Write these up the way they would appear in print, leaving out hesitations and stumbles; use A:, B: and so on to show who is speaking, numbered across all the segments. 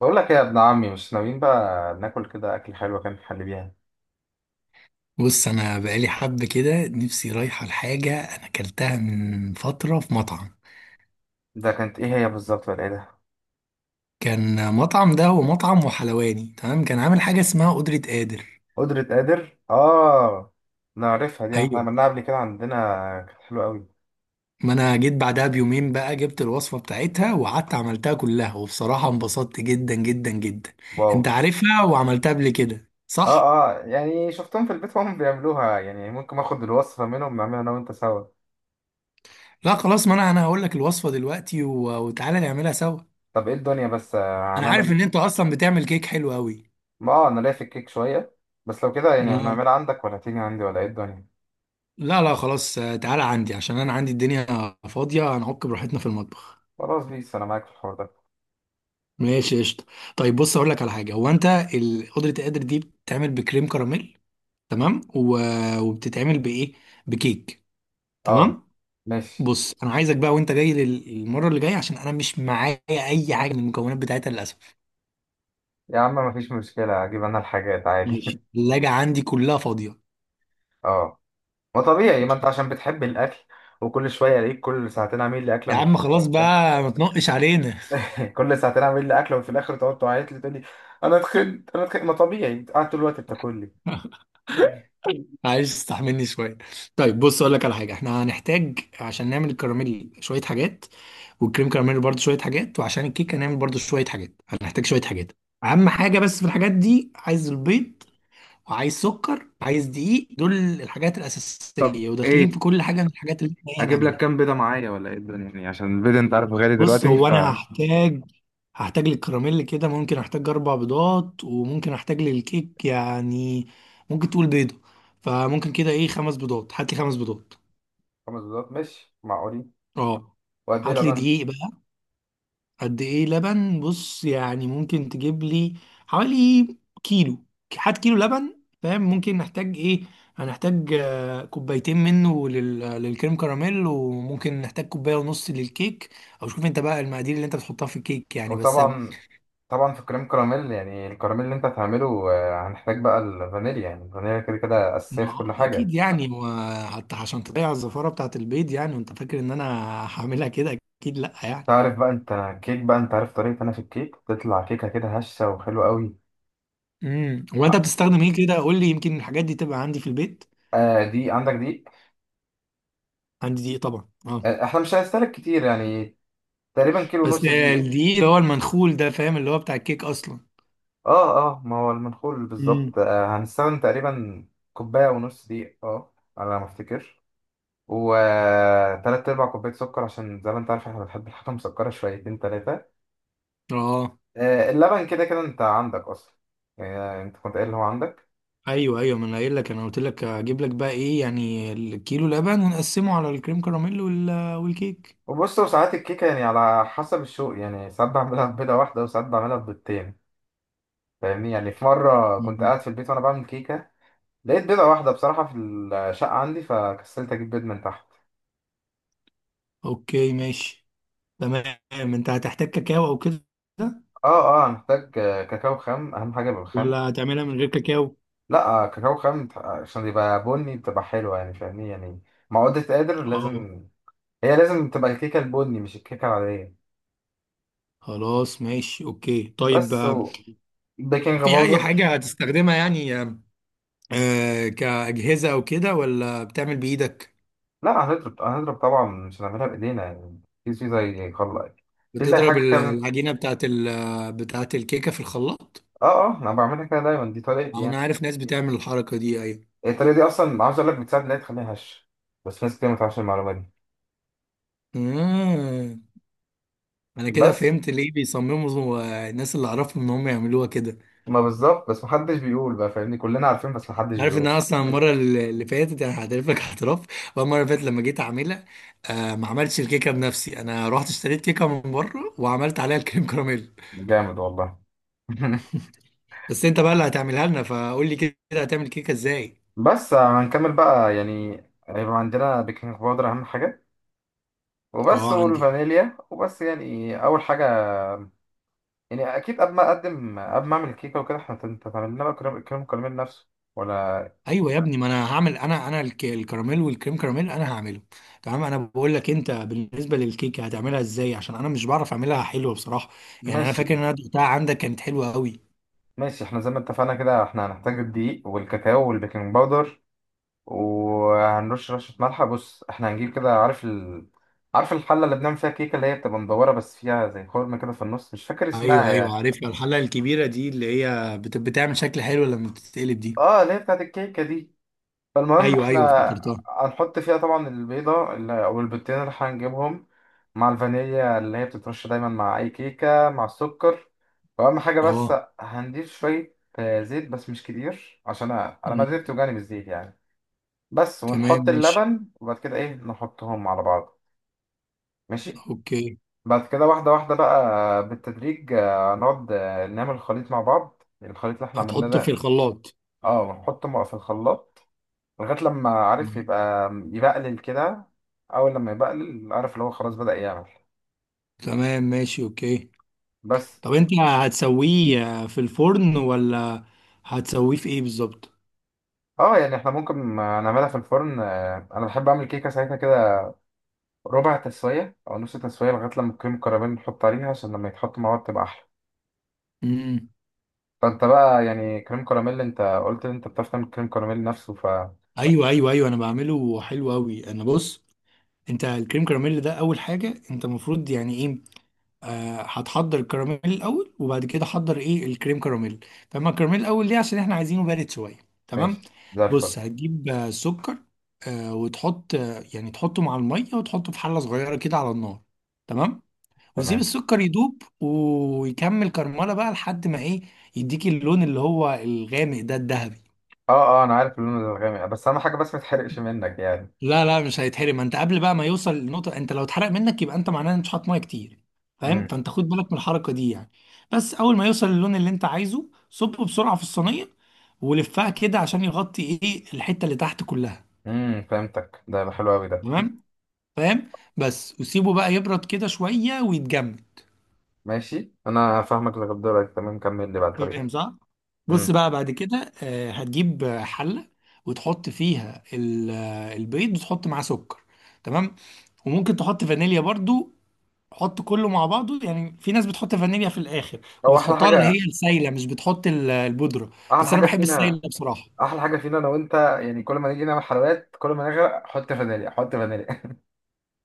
A: بقول لك ايه يا ابن عمي، مش ناويين بقى ناكل كده اكل حلو. كان في حل بيها؟
B: بص، انا بقالي حب كده نفسي رايحه لحاجه انا اكلتها من فتره في مطعم.
A: ده كانت ايه هي بالظبط ولا ايه ده؟
B: كان مطعم، ده هو مطعم وحلواني. تمام، كان عامل حاجه اسمها قدره قادر.
A: قدرة قادر، اه. نعرفها دي، احنا
B: ايوه،
A: عملناها قبل كده عندنا. كانت حلوة قوي.
B: ما انا جيت بعدها بيومين بقى جبت الوصفه بتاعتها وقعدت عملتها كلها، وبصراحه انبسطت جدا جدا جدا.
A: واو.
B: انت عارفها وعملتها قبل كده صح؟
A: اه. اه يعني شفتهم في البيت وهم بيعملوها، يعني ممكن اخد الوصفة منهم نعملها انا وانت سوا.
B: لا خلاص، ما انا هقول لك الوصفه دلوقتي وتعالى نعملها سوا.
A: طب ايه الدنيا بس،
B: انا عارف
A: هنعمل.
B: ان انت اصلا بتعمل كيك حلو قوي.
A: ما انا ليا في الكيك شوية. بس لو كده يعني
B: اه،
A: هنعملها عندك ولا تيجي عندي ولا ايه الدنيا؟
B: لا لا خلاص، تعالى عندي عشان انا عندي الدنيا فاضيه، هنعك براحتنا في المطبخ.
A: خلاص بيس، انا معاك في الحوار ده.
B: ماشي قشطه. طيب بص اقول لك على حاجه، هو انت قدره القدر دي بتتعمل بكريم كراميل، تمام، وبتتعمل بايه؟ بكيك.
A: اه،
B: تمام.
A: ماشي.
B: بص، انا عايزك بقى وانت جاي المره اللي جايه عشان انا مش معايا اي حاجه من المكونات بتاعتها للاسف.
A: يا عم مفيش مشكلة، اجيب انا الحاجات عادي
B: ماشي، الثلاجه عندي كلها فاضيه.
A: اه، ما طبيعي، ما انت عشان بتحب الاكل. وكل شويه الاقيك كل ساعتين عامل لي اكله
B: يا عم
A: مختلفه
B: خلاص
A: وبتاع.
B: بقى ما تنقش علينا.
A: كل ساعتين عامل لي اكله، وفي الاخر تقعد تعيط لي تقول لي انا اتخنت انا اتخنت. ما طبيعي انت قاعد طول الوقت بتاكل لي.
B: عايز تستحملني شويه؟ طيب بص اقول لك على حاجه، احنا هنحتاج عشان نعمل الكراميل شويه حاجات، والكريم كراميل برضو شويه حاجات، وعشان الكيك هنعمل برضو شويه حاجات، هنحتاج شويه حاجات. اهم حاجه بس في الحاجات دي، عايز البيض، وعايز سكر، عايز دقيق. دول الحاجات
A: طب
B: الاساسيه وداخلين
A: ايه،
B: في كل حاجه من الحاجات اللي احنا إيه
A: اجيب لك كام
B: هنعملها.
A: بيضه معايا ولا ايه الدنيا؟ يعني عشان البيضه انت عارف غالي
B: بص،
A: دلوقتي،
B: هو
A: ف
B: انا هحتاج للكراميل كده. ممكن احتاج اربع بيضات، وممكن احتاج للكيك، يعني ممكن تقول بيضه، فممكن كده ايه خمس بيضات. هات لي خمس بيضات.
A: خمس بيضات ماشي معقولين.
B: اه،
A: وقد ايه
B: هات لي
A: لبن؟
B: دقيق بقى. قد ايه لبن؟ بص يعني ممكن تجيب لي حوالي كيلو. هات كيلو لبن. فاهم ممكن نحتاج ايه؟ هنحتاج كوبايتين منه للكريم كراميل، وممكن نحتاج كوبايه ونص للكيك. او شوف انت بقى المقادير اللي انت بتحطها في الكيك، يعني بس.
A: وطبعا، طبعا في كريم كراميل، يعني الكراميل اللي انت هتعمله هنحتاج بقى الفانيليا. يعني الفانيليا كده كده اساسيه
B: ما
A: في كل
B: هو
A: حاجه.
B: اكيد يعني، حتى عشان تضيع الزفاره بتاعت البيض يعني، وانت فاكر ان انا هعملها كده؟ اكيد لا يعني.
A: تعرف بقى انت كيك، بقى انت عارف طريقة انا في الكيك بتطلع كيكة كده هشة وحلوة قوي.
B: وانت بتستخدم ايه كده، قول لي؟ يمكن الحاجات دي تبقى عندي في البيت.
A: آه دي عندك دي.
B: عندي دقيق طبعا، اه.
A: آه احنا مش هنستهلك كتير يعني، تقريبا كيلو
B: بس
A: ونص دي.
B: الدقيق اللي هو المنخول ده، فاهم، اللي هو بتاع الكيك اصلا.
A: اه، اه ما هو المنخول
B: امم.
A: بالظبط. آه هنستخدم تقريبا كوباية ونص دي، اه، على ما افتكر. وتلات ارباع كوباية سكر، عشان زي ما انت عارف احنا بنحب الحاجة مسكرة شويتين تلاتة.
B: اه.
A: آه اللبن كده كده انت عندك اصلا، يعني انت كنت قايل ان هو عندك.
B: ايوه ايوه، ما انا قايل لك، انا قلت لك هجيب لك بقى ايه، يعني الكيلو لبن ونقسمه على الكريم كراميل والكيك.
A: وبص، وساعات الكيكة يعني على حسب الشوق، يعني ساعات بعملها ببيضة واحدة وساعات بعملها ببيضتين. فاهمني؟ يعني في مرة كنت
B: أمم.
A: قاعد في البيت وأنا بعمل كيكة، لقيت بيضة واحدة بصراحة في الشقة عندي، فكسلت أجيب بيض من تحت.
B: اوكي ماشي. تمام، انت هتحتاج كاكاو او كده،
A: اه، اه أنا محتاج كاكاو خام، أهم حاجة بالخام.
B: ولا هتعملها من غير كاكاو؟
A: لا كاكاو خام عشان يبقى بني بتبقى حلوة يعني، فاهمني يعني. معقودة قادر
B: اه،
A: لازم، هي لازم تبقى الكيكة البني مش الكيكة العادية.
B: خلاص ماشي اوكي. طيب
A: بس
B: آه،
A: و... بيكنج
B: في اي
A: باودر.
B: حاجة هتستخدمها يعني، كأجهزة او كده، ولا بتعمل بايدك؟
A: لا هنضرب طبعا، مش هنعملها بايدينا يعني، في زي خلاص. في زي
B: بتضرب
A: حاجه كده
B: العجينة بتاعت الكيكة في الخلاط؟
A: اه. اه انا بعملها كده دايما، دي طريقتي
B: أو أنا
A: يعني.
B: عارف ناس بتعمل الحركة دي، أيوة.
A: الطريقه دي اصلا عاوز اقول لك بتساعد ان هي تخليها هش، بس ناس كتير ما تعرفش المعلومه دي.
B: آه. أنا كده
A: بس
B: فهمت ليه بيصمموا، الناس اللي أعرفهم، إن هم يعملوها كده.
A: ما بالظبط، بس محدش بيقول بقى فاهمني، كلنا عارفين بس محدش
B: عارف إن
A: بيقول.
B: أنا أصلا المرة اللي فاتت أنا هعترف لك اعتراف بقى. المرة اللي فاتت لما جيت أعملها، ما عملتش الكيكة بنفسي، أنا رحت اشتريت كيكة من بره وعملت عليها الكريم كراميل.
A: جامد والله.
B: بس أنت بقى اللي هتعملها لنا، فقول لي كده هتعمل كيكة إزاي؟
A: بس هنكمل بقى يعني. هيبقى عندنا بيكنج باودر اهم حاجه، وبس،
B: أه عندي.
A: والفانيليا، وبس يعني اول حاجه. يعني اكيد قبل ما اقدم، قبل ما اعمل الكيكه وكده، احنا هتعمل لنا بقى كريم، الكراميل نفسه ولا؟
B: ايوه يا ابني، ما انا هعمل، انا الكراميل والكريم كراميل انا هعمله. تمام، انا بقول لك انت بالنسبه للكيكه هتعملها ازاي، عشان انا مش بعرف اعملها حلوه بصراحه. يعني انا فاكر ان
A: ماشي.
B: انا دقتها عندك كانت حلوه قوي.
A: احنا زي ما اتفقنا كده احنا هنحتاج الدقيق والكاكاو والبيكنج باودر، وهنرش رشة ملح. بص احنا هنجيب كده، عارف الحلة اللي بنعمل فيها كيكة اللي هي بتبقى مدورة بس فيها زي خرم كده في النص، مش فاكر اسمها
B: ايوه ايوه،
A: يعني.
B: عارفها، الحله الكبيره دي اللي هي بتعمل شكل حلو لما بتتقلب دي.
A: اه اللي هي بتاعت الكيكة دي. فالمهم
B: ايوه
A: احنا
B: ايوه، افتكرتها.
A: هنحط فيها طبعا او البيضتين اللي هنجيبهم، مع الفانيليا اللي هي بتترش دايما مع اي كيكة، مع السكر. واهم حاجة بس
B: اه.
A: هنضيف شوية زيت، بس مش كتير عشان أنا معدتي
B: أمم.
A: بتوجعني بالزيت يعني. بس
B: تمام
A: ونحط
B: ماشي
A: اللبن، وبعد كده ايه نحطهم على بعض. ماشي.
B: اوكي.
A: بعد كده واحدة واحدة بقى بالتدريج، نقعد نعمل الخليط مع بعض، الخليط اللي احنا عملناه
B: هتحطه في
A: ده.
B: الخلاط؟
A: اه ونحطه في الخلاط لغاية لما عارف
B: أمم.
A: يبقى يبقلل كده. أول لما يبقلل، عارف اللي هو خلاص بدأ يعمل.
B: تمام ماشي اوكي.
A: بس.
B: طب انت هتسويه في الفرن، ولا هتسويه في ايه بالظبط؟
A: اه يعني احنا ممكن نعملها في الفرن، انا بحب اعمل كيكه ساعتها كده، ربع تسويه او نص تسويه، لغايه لما الكريم كراميل نحط عليها، عشان لما يتحط مع بعض تبقى احلى.
B: امم
A: فانت بقى يعني كريم كراميل، انت قلت ان انت بتعرف تعمل كريم كراميل نفسه.
B: ايوه ايوه ايوه، انا بعمله حلو قوي. انا، بص، انت الكريم كراميل ده اول حاجه انت المفروض يعني ايه، هتحضر الكراميل الاول، وبعد كده حضر ايه الكريم كراميل. فاما الكراميل الاول ليه، عشان احنا عايزينه بارد شويه. تمام.
A: فماشي زي الفل.
B: بص، هتجيب سكر وتحط، يعني تحطه مع الميه، وتحطه في حله صغيره كده على النار. تمام. وتسيب
A: تمام.
B: السكر يدوب ويكمل كرمله بقى لحد ما ايه، يديك اللون اللي هو الغامق ده الذهبي.
A: اه، اه انا عارف اللون الغامق، بس اهم حاجه بس ما تحرقش منك يعني.
B: لا لا، مش هيتحرم، ما انت قبل بقى ما يوصل للنقطه، انت لو اتحرق منك يبقى انت معناه ان مش حاطط ميه كتير. فاهم،
A: امم
B: فانت خد بالك من الحركه دي يعني. بس اول ما يوصل للون اللي انت عايزه، صبه بسرعه في الصينيه ولفها كده عشان يغطي ايه الحته اللي تحت كلها.
A: امم فهمتك، ده حلو قوي ده.
B: تمام، فاهم. بس وسيبه بقى يبرد كده شويه ويتجمد.
A: ماشي، انا فاهمك لغايه دلوقتي تمام، كمل لي بقى الطريق.
B: فاهم صح؟ بص
A: امم.
B: بقى بعد كده هتجيب حله، وتحط فيها البيض، وتحط معاه سكر. تمام. وممكن تحط فانيليا برضو، حط كله مع بعضه، يعني في ناس بتحط فانيليا في الاخر،
A: هو احلى
B: وبتحطها اللي هي
A: حاجه.
B: السايله، مش بتحط البودره،
A: احلى
B: بس انا
A: حاجه
B: بحب
A: فينا.
B: السايله بصراحه.
A: احلى حاجه فينا انا وانت، يعني كل ما نيجي نعمل حلويات كل ما نغرق، حط فانيليا، حط فانيليا.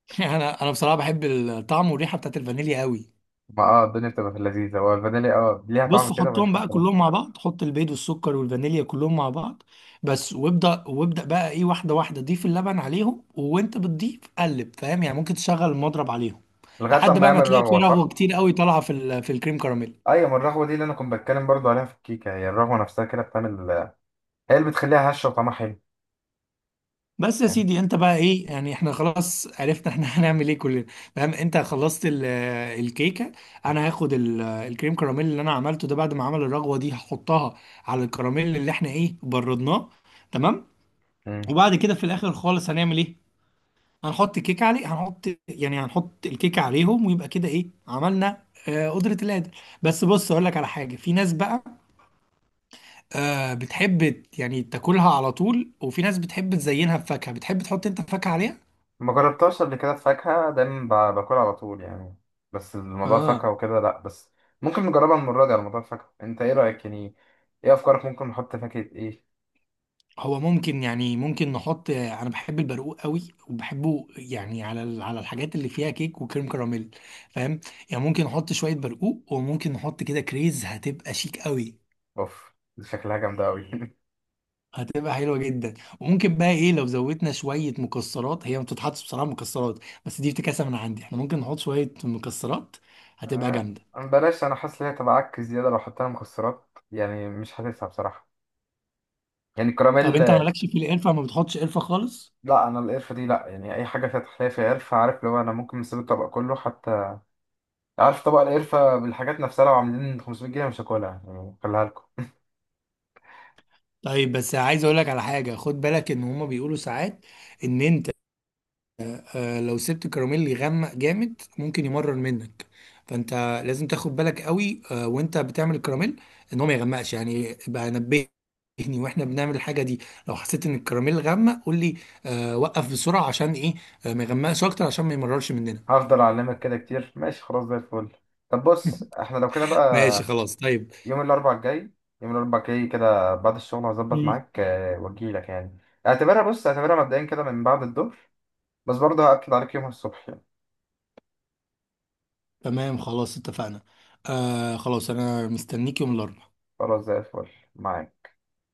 B: انا بصراحه بحب الطعم والريحه بتاعت الفانيليا قوي.
A: ما اه الدنيا بتبقى في اللذيذه، هو الفانيليا اه ليها طعم
B: بص
A: كده من
B: حطهم بقى
A: حفلة.
B: كلهم مع بعض، حط البيض والسكر والفانيليا كلهم مع بعض بس، وابدا وابدا بقى ايه، واحده واحده ضيف اللبن عليهم وانت بتضيف قلب، فاهم يعني، ممكن تشغل المضرب عليهم
A: لغايه
B: لحد
A: لما
B: بقى ما
A: يعمل
B: تلاقي في
A: رغوه،
B: رغوه
A: صح؟
B: كتير قوي طالعه في في الكريم كراميل.
A: ايوه، ما الرغوه دي اللي انا كنت بتكلم برضو عليها في الكيكه، هي الرغوه نفسها كده بتعمل، هي اللي بتخليها هشه وطعمها حلو.
B: بس يا سيدي انت بقى ايه يعني، احنا خلاص عرفنا احنا هنعمل ايه كلنا. فاهم، انت خلصت الكيكه، انا هاخد الكريم كراميل اللي انا عملته ده بعد ما عمل الرغوه دي، هحطها على الكراميل اللي احنا ايه بردناه. تمام.
A: امم.
B: وبعد كده في الاخر خالص هنعمل ايه، هنحط الكيكه عليه، هنحط، يعني هنحط الكيكه عليهم، ويبقى كده ايه عملنا قدرة القادر. بس بص اقول لك على حاجه، في ناس بقى بتحب يعني تاكلها على طول، وفي ناس بتحب تزينها بفاكهه. بتحب تحط انت فاكهه عليها؟
A: ما جربتهاش قبل كده، الفاكهة دايما باكلها على طول يعني، بس الموضوع الفاكهة
B: اه،
A: وكده لأ، بس ممكن نجربها المرة دي على موضوع الفاكهة. أنت إيه رأيك يعني؟ إيه أفكارك؟ ممكن نحط فاكهة إيه؟
B: هو ممكن يعني، ممكن نحط، انا بحب البرقوق قوي وبحبه يعني على على الحاجات اللي فيها كيك وكريم كراميل، فاهم يعني. ممكن نحط شويه برقوق، وممكن نحط كده كريز، هتبقى شيك قوي.
A: أوف، دي شكلها جامدة أوي.
B: هتبقى حلوه جدا. وممكن بقى ايه، لو زودنا شويه مكسرات، هي ما بتتحطش بصراحه مكسرات، بس دي افتكاسه من عندي، احنا ممكن نحط شويه مكسرات، هتبقى
A: آه،
B: جامده.
A: بلاش، أنا حاسس إن هي تبقى عك زيادة لو حطينا مكسرات، يعني مش حاسسها بصراحة، يعني
B: طب
A: الكراميل.
B: انت مالكش في القرفه، ما بتحطش قرفه خالص؟
A: لأ أنا القرفة دي لأ، يعني أي حاجة فيها تحلية فيها قرفة، عارف لو أنا ممكن نسيب الطبق كله حتى، عارف طبق القرفة بالحاجات نفسها لو عاملين 500 جنيه مش هاكلها يعني، خليها لكم.
B: طيب بس عايز اقول لك على حاجه، خد بالك ان هما بيقولوا ساعات ان انت لو سبت الكراميل يغمق جامد ممكن يمرر منك. فانت لازم تاخد بالك قوي وانت بتعمل الكراميل ان هو ما يغمقش، يعني يبقى نبهني واحنا بنعمل الحاجه دي. لو حسيت ان الكراميل غمق قول لي، وقف بسرعه عشان ايه، ما يغمقش اكتر عشان ما يمررش مننا.
A: هفضل اعلمك كده كتير، ماشي خلاص، زي الفل. طب بص احنا لو كده
B: ماشي
A: بقى،
B: خلاص طيب.
A: يوم الاربعاء الجاي، كده بعد الشغل هظبط
B: مم.
A: معاك واجيلك يعني. اعتبرها، بص اعتبرها مبدئيا كده من بعد الظهر، بس برضه هأكد عليك يومها الصبح يعني.
B: تمام خلاص اتفقنا. آه خلاص، انا مستنيك يوم الاربعاء
A: خلاص زي الفل. معاك.